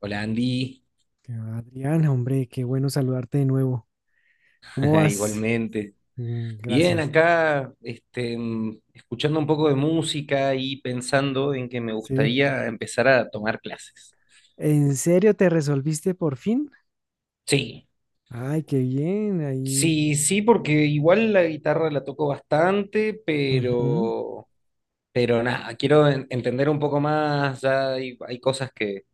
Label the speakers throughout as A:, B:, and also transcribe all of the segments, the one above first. A: Hola Andy,
B: Que va, Adriana, hombre, qué bueno saludarte de nuevo. ¿Cómo vas?
A: igualmente.
B: Mm,
A: Bien,
B: gracias.
A: acá escuchando un poco de música y pensando en que me
B: Sí.
A: gustaría empezar a tomar clases.
B: ¿En serio te resolviste por fin?
A: Sí,
B: Ay, qué bien, ahí.
A: sí, sí, porque igual la guitarra la toco bastante,
B: Ujú.
A: pero nada, quiero entender un poco más, ya hay cosas que,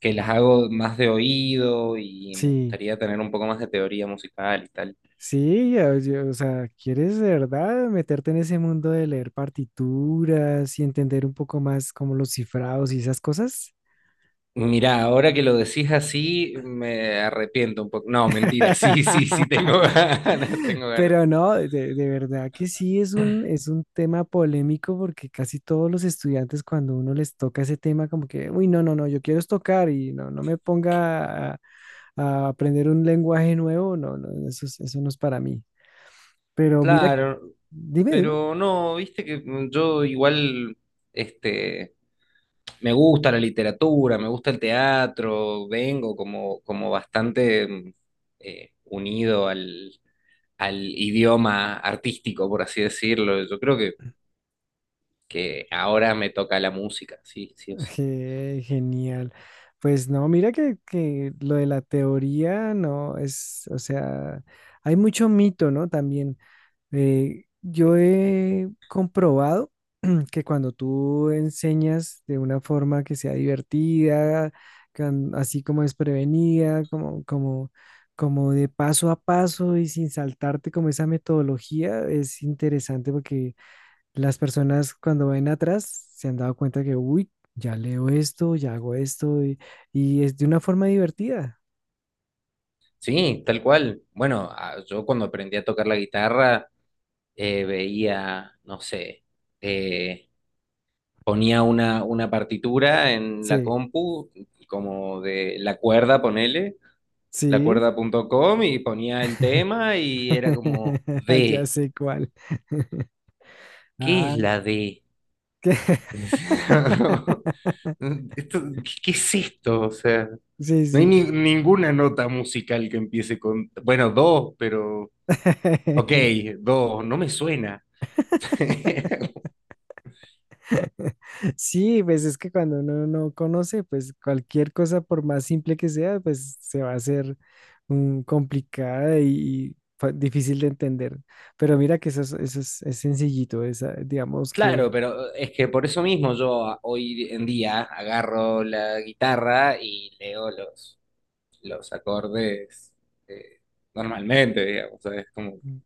A: que las hago más de oído y me
B: Sí,
A: gustaría tener un poco más de teoría musical y tal.
B: sí, ya, o sea, ¿quieres de verdad meterte en ese mundo de leer partituras y entender un poco más como los cifrados y esas cosas?
A: Mirá, ahora que lo decís así, me arrepiento un poco. No, mentira, sí, sí, sí, tengo ganas, tengo
B: Pero
A: ganas.
B: no, de verdad que sí es un, tema polémico porque casi todos los estudiantes cuando uno les toca ese tema como que, uy, no, no, no, yo quiero es tocar y no, no me ponga a aprender un lenguaje nuevo, no, no, no, eso, eso no es para mí. Pero mira,
A: Claro,
B: dime, dime.
A: pero no, viste que yo igual, este, me gusta la literatura, me gusta el teatro, vengo como bastante unido al idioma artístico, por así decirlo. Yo creo que ahora me toca la música, sí, sí o sí.
B: Genial. Pues no, mira que lo de la teoría no es, o sea, hay mucho mito, ¿no? También. Yo he comprobado que cuando tú enseñas de una forma que sea divertida, así como desprevenida, como de paso a paso y sin saltarte como esa metodología, es interesante porque las personas cuando ven atrás se han dado cuenta que, uy, ya leo esto, ya hago esto y es de una forma divertida.
A: Sí, tal cual. Bueno, yo cuando aprendí a tocar la guitarra veía, no sé, eh, ponía una partitura en la
B: Sí,
A: compu, como de la cuerda, ponele,
B: sí.
A: lacuerda.com y ponía el tema y era como
B: Ya
A: D.
B: sé cuál.
A: ¿Qué es
B: Ah.
A: la D?
B: ¿Qué?
A: Esto- ¿Qué es esto? O sea,
B: Sí,
A: no hay
B: sí.
A: ninguna nota musical que empiece con, bueno, do, pero, ok, do, no me suena.
B: Sí, pues es que cuando uno no conoce, pues cualquier cosa, por más simple que sea, pues se va a hacer complicada y difícil de entender. Pero mira que eso es, es sencillito, esa, digamos
A: Claro,
B: que,
A: pero es que por eso mismo yo hoy en día agarro la guitarra y leo los acordes eh, normalmente, digamos. O sea, es como,
B: mm,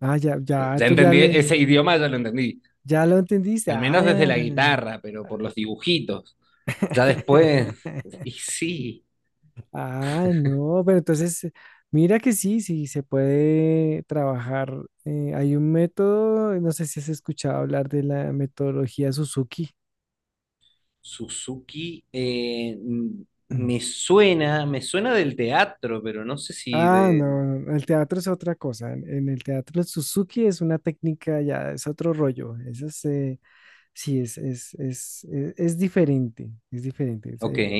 B: ah, ya, ya,
A: ya entendí, ese idioma ya lo entendí,
B: ya lo entendiste.
A: al
B: Ah,
A: menos desde la guitarra, pero por los dibujitos.
B: ya.
A: Ya después, y sí,
B: Ah, no, pero entonces, mira que sí, sí, se puede trabajar. Hay un método, no sé si has escuchado hablar de la metodología Suzuki.
A: Suzuki
B: Mm.
A: me suena del teatro, pero no sé si
B: Ah,
A: de...
B: no, no, el teatro es otra cosa. En el teatro Suzuki es una técnica ya, es otro rollo. Eso es, sí, es diferente.
A: Ok,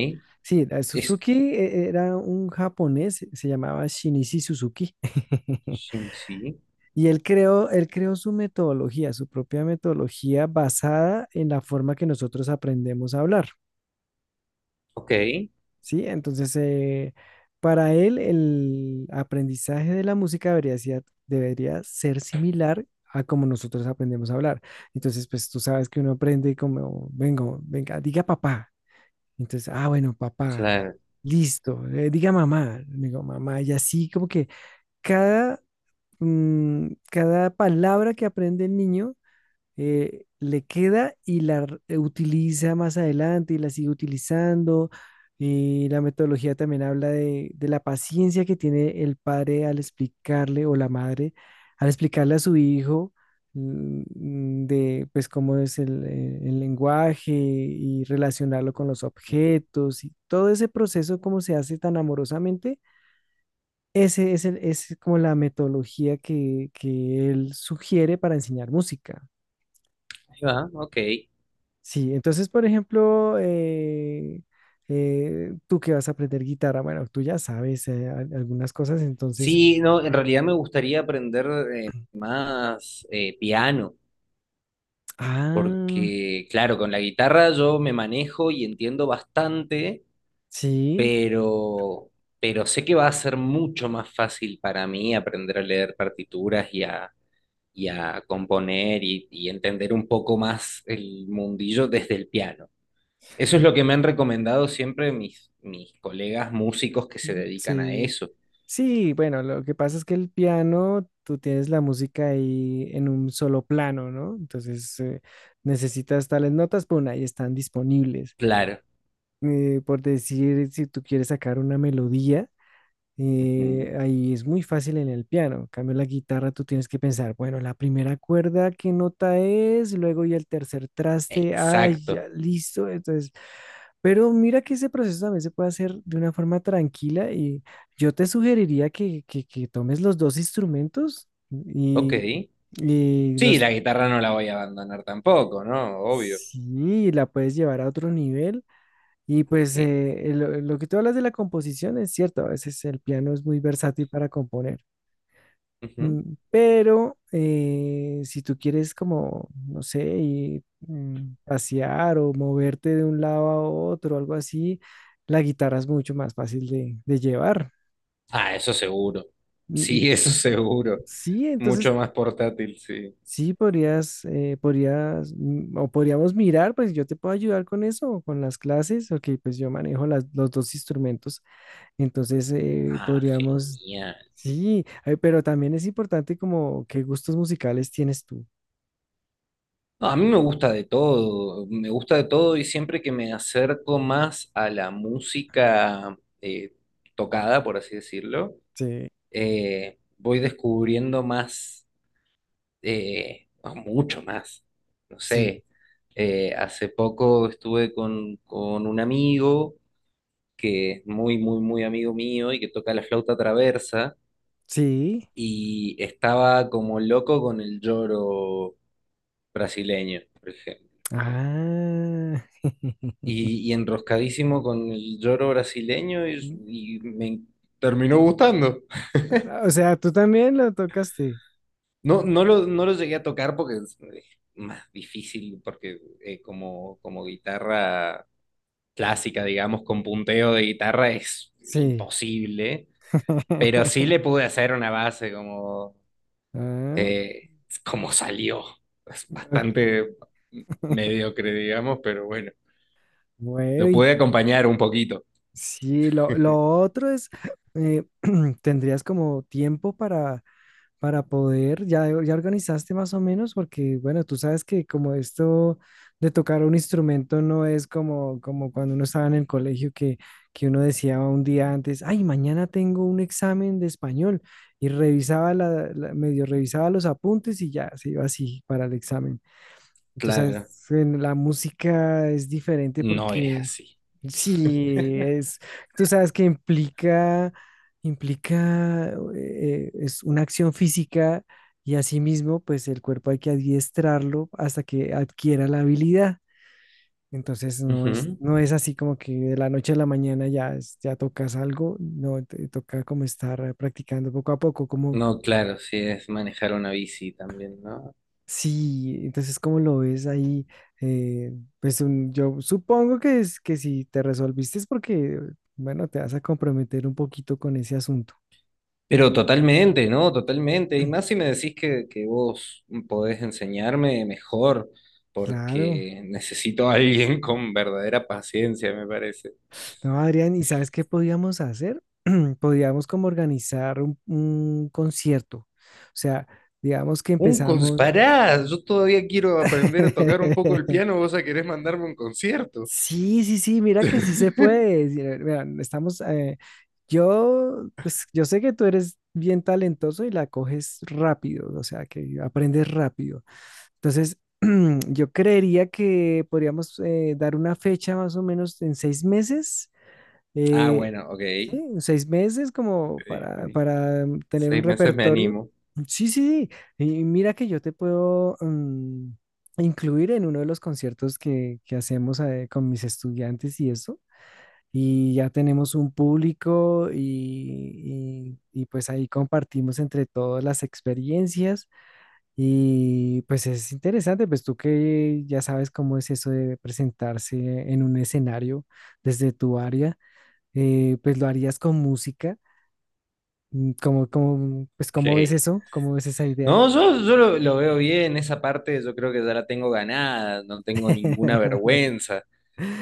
B: Sí, la
A: es...
B: Suzuki era un japonés, se llamaba Shinichi Suzuki.
A: Sí, sí,
B: Y él creó su metodología, su propia metodología basada en la forma que nosotros aprendemos a hablar,
A: ok.
B: ¿sí? Entonces, para él, el aprendizaje de la música debería ser, similar a como nosotros aprendemos a hablar. Entonces, pues tú sabes que uno aprende como, venga, diga papá. Entonces, ah, bueno, papá,
A: Claro.
B: listo, diga mamá, digo mamá, y así como que cada, cada palabra que aprende el niño le queda y utiliza más adelante y la sigue utilizando. Y la metodología también habla de la paciencia que tiene el padre al explicarle o la madre al explicarle a su hijo mm, de pues cómo es el lenguaje y relacionarlo con los
A: Ahí
B: objetos y todo ese proceso cómo se hace tan amorosamente. Es como la metodología que él sugiere para enseñar música.
A: va, ok.
B: Sí, entonces, por ejemplo, tú que vas a aprender guitarra, bueno, tú ya sabes algunas cosas, entonces,
A: Sí, no, en realidad me gustaría aprender más piano,
B: ah,
A: porque claro, con la guitarra yo me manejo y entiendo bastante,
B: sí,
A: pero, pero sé que va a ser mucho más fácil para mí aprender a leer partituras y a componer y entender un poco más el mundillo desde el piano. Eso es lo que me han recomendado siempre mis colegas músicos que se dedican a
B: sí,
A: eso.
B: sí, bueno, lo que pasa es que el piano, tú tienes la música ahí en un solo plano, ¿no? Entonces, necesitas tales notas, pues ahí están disponibles.
A: Claro.
B: Por decir, si tú quieres sacar una melodía.
A: Ujú.
B: Ahí es muy fácil en el piano. En cambio, la guitarra tú tienes que pensar, bueno, la primera cuerda, ¿qué nota es? Luego y el tercer traste, ay, ya,
A: Exacto.
B: listo. Entonces, pero mira que ese proceso también se puede hacer de una forma tranquila y yo te sugeriría que tomes los dos instrumentos
A: Ok.
B: y
A: Sí,
B: los,
A: la guitarra no la voy a abandonar tampoco, ¿no? Obvio.
B: sí, la puedes llevar a otro nivel. Y pues
A: Ok.
B: lo que tú hablas de la composición es cierto, a veces el piano es muy versátil para componer.
A: Ujú.
B: Pero si tú quieres como, no sé, ir, pasear o moverte de un lado a otro, algo así, la guitarra es mucho más fácil de, llevar.
A: Ah, eso seguro.
B: Mm, mm.
A: Sí, eso seguro.
B: Sí,
A: Mucho
B: entonces
A: más portátil, sí.
B: sí podrías, o podríamos mirar, pues yo te puedo ayudar con eso, con las clases, porque pues yo manejo los dos instrumentos, entonces
A: Ah,
B: podríamos,
A: genial.
B: sí, pero también es importante como qué gustos musicales tienes tú.
A: No, a mí me gusta de todo, me gusta de todo y siempre que me acerco más a la música tocada, por así decirlo,
B: Sí.
A: voy descubriendo más o mucho más. No
B: Sí,
A: sé, hace poco estuve con un amigo que es muy, muy, muy amigo mío y que toca la flauta traversa
B: sí.
A: y estaba como loco con el lloro brasileño, por ejemplo.
B: Ah.
A: Y enroscadísimo con el lloro brasileño y me terminó gustando.
B: Ah, o sea, tú también lo tocaste.
A: No, no lo llegué a tocar porque es más difícil, porque como guitarra clásica, digamos, con punteo de guitarra es
B: Sí.
A: imposible, pero sí le pude hacer una base como,
B: Ah,
A: eh, como salió. Es
B: ok.
A: bastante mediocre, digamos, pero bueno,
B: Bueno,
A: lo
B: y
A: pude acompañar un poquito.
B: sí, lo otro es, eh, tendrías como tiempo para poder, ya organizaste más o menos, porque bueno, tú sabes que como esto de tocar un instrumento no es como cuando uno estaba en el colegio que uno decía un día antes, ay, mañana tengo un examen de español y revisaba la, medio revisaba los apuntes y ya se iba así para el examen. Tú sabes,
A: Claro,
B: en la música es diferente
A: no es
B: porque
A: así.
B: sí, tú sabes que implica, es una acción física y asimismo, pues el cuerpo hay que adiestrarlo hasta que adquiera la habilidad. Entonces no es,
A: Ujú.
B: no es así como que de la noche a la mañana ya, ya tocas algo, no, te toca como estar practicando poco a poco, como.
A: No, claro, sí es manejar una bici también, ¿no?
B: Sí, entonces, ¿cómo lo ves ahí? Eh, pues yo supongo que si te resolviste es porque, bueno, te vas a comprometer un poquito con ese asunto.
A: Pero totalmente, ¿no? Totalmente. Y más si me decís que vos podés enseñarme mejor,
B: Claro.
A: porque necesito a alguien con verdadera paciencia, me parece.
B: No, Adrián, ¿y sabes qué podíamos hacer? Podíamos como organizar un concierto. O sea, digamos que
A: Un cons
B: empezamos.
A: Pará, yo todavía quiero aprender a tocar un poco el piano, vos ya querés mandarme un concierto.
B: Sí, sí, sí, mira que sí se puede. Sí, mira, estamos, pues yo sé que tú eres bien talentoso y la coges rápido, o sea, que aprendes rápido. Entonces, yo creería que podríamos dar una fecha más o menos en 6 meses
A: Ah,
B: eh,
A: bueno, ok.
B: sí, 6 meses como
A: Ok,
B: para,
A: ok.
B: para mm, tener un
A: 6 meses me
B: repertorio.
A: animo.
B: Sí, sí, sí. Y mira que yo te puedo incluir en uno de los conciertos que hacemos con mis estudiantes y eso. Y ya tenemos un público y pues ahí compartimos entre todas las experiencias. Y pues es interesante, pues tú que ya sabes cómo es eso de presentarse en un escenario desde tu área pues lo harías con música. Mm, ¿Cómo, cómo- pues,
A: Ok.
B: ¿cómo ves eso? ¿Cómo ves esa idea?
A: No, yo lo veo bien, esa parte yo creo que ya la tengo ganada, no tengo ninguna vergüenza.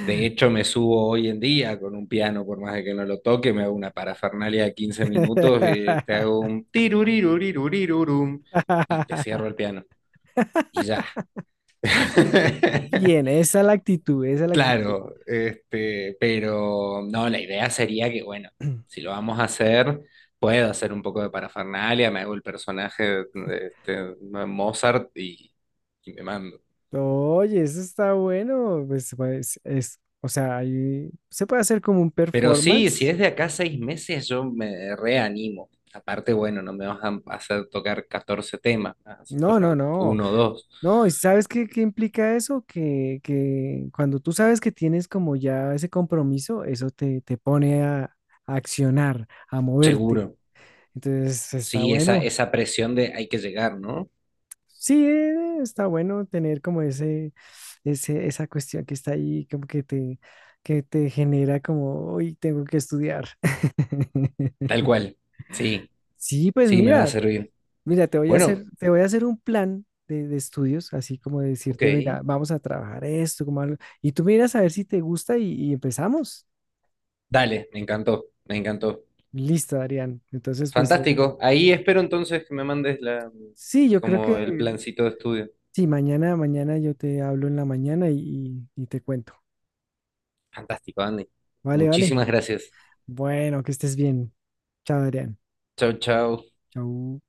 A: De hecho, me subo hoy en día con un piano, por más de que no lo toque, me hago una parafernalia de 15 minutos y te hago un tirurirurirurirurum y te cierro el piano y ya.
B: Bien, esa es la actitud, esa es la actitud.
A: Claro, pero no, la idea sería que, bueno, si lo vamos a hacer, puedo hacer un poco de parafernalia, me hago el personaje de Mozart y me mando.
B: Oye, eso está bueno. Pues, o sea, ahí se puede hacer como un
A: Pero sí, si
B: performance.
A: es de acá a 6 meses, yo me reanimo. Aparte, bueno, no me vas a hacer tocar 14 temas, me vas a hacer
B: No,
A: tocar
B: no, no.
A: uno o dos,
B: No, ¿y sabes qué implica eso? Que cuando tú sabes que tienes como ya ese compromiso, eso te pone a, accionar, a moverte.
A: seguro.
B: Entonces está
A: Sí, esa,
B: bueno.
A: esa presión de hay que llegar, ¿no?
B: Sí, está bueno tener como esa cuestión que está ahí, como que que te genera como, hoy tengo que estudiar.
A: Tal cual. Sí,
B: Sí, pues
A: sí, me va a
B: mira.
A: servir.
B: Mira, te voy a
A: Bueno,
B: hacer, te voy a hacer un plan de estudios, así como de decirte,
A: ok.
B: mira, vamos a trabajar esto, como algo, y tú miras a ver si te gusta y empezamos.
A: Dale, me encantó, me encantó.
B: Listo, Adrián. Entonces, pues
A: Fantástico. Ahí espero entonces que me mandes
B: sí, yo creo
A: como el
B: que
A: plancito de estudio.
B: sí, mañana yo te hablo en la mañana y te cuento.
A: Fantástico, Andy.
B: Vale, vale.
A: Muchísimas gracias.
B: Bueno, que estés bien. Chao, Adrián.
A: Chau, chau.
B: Chao.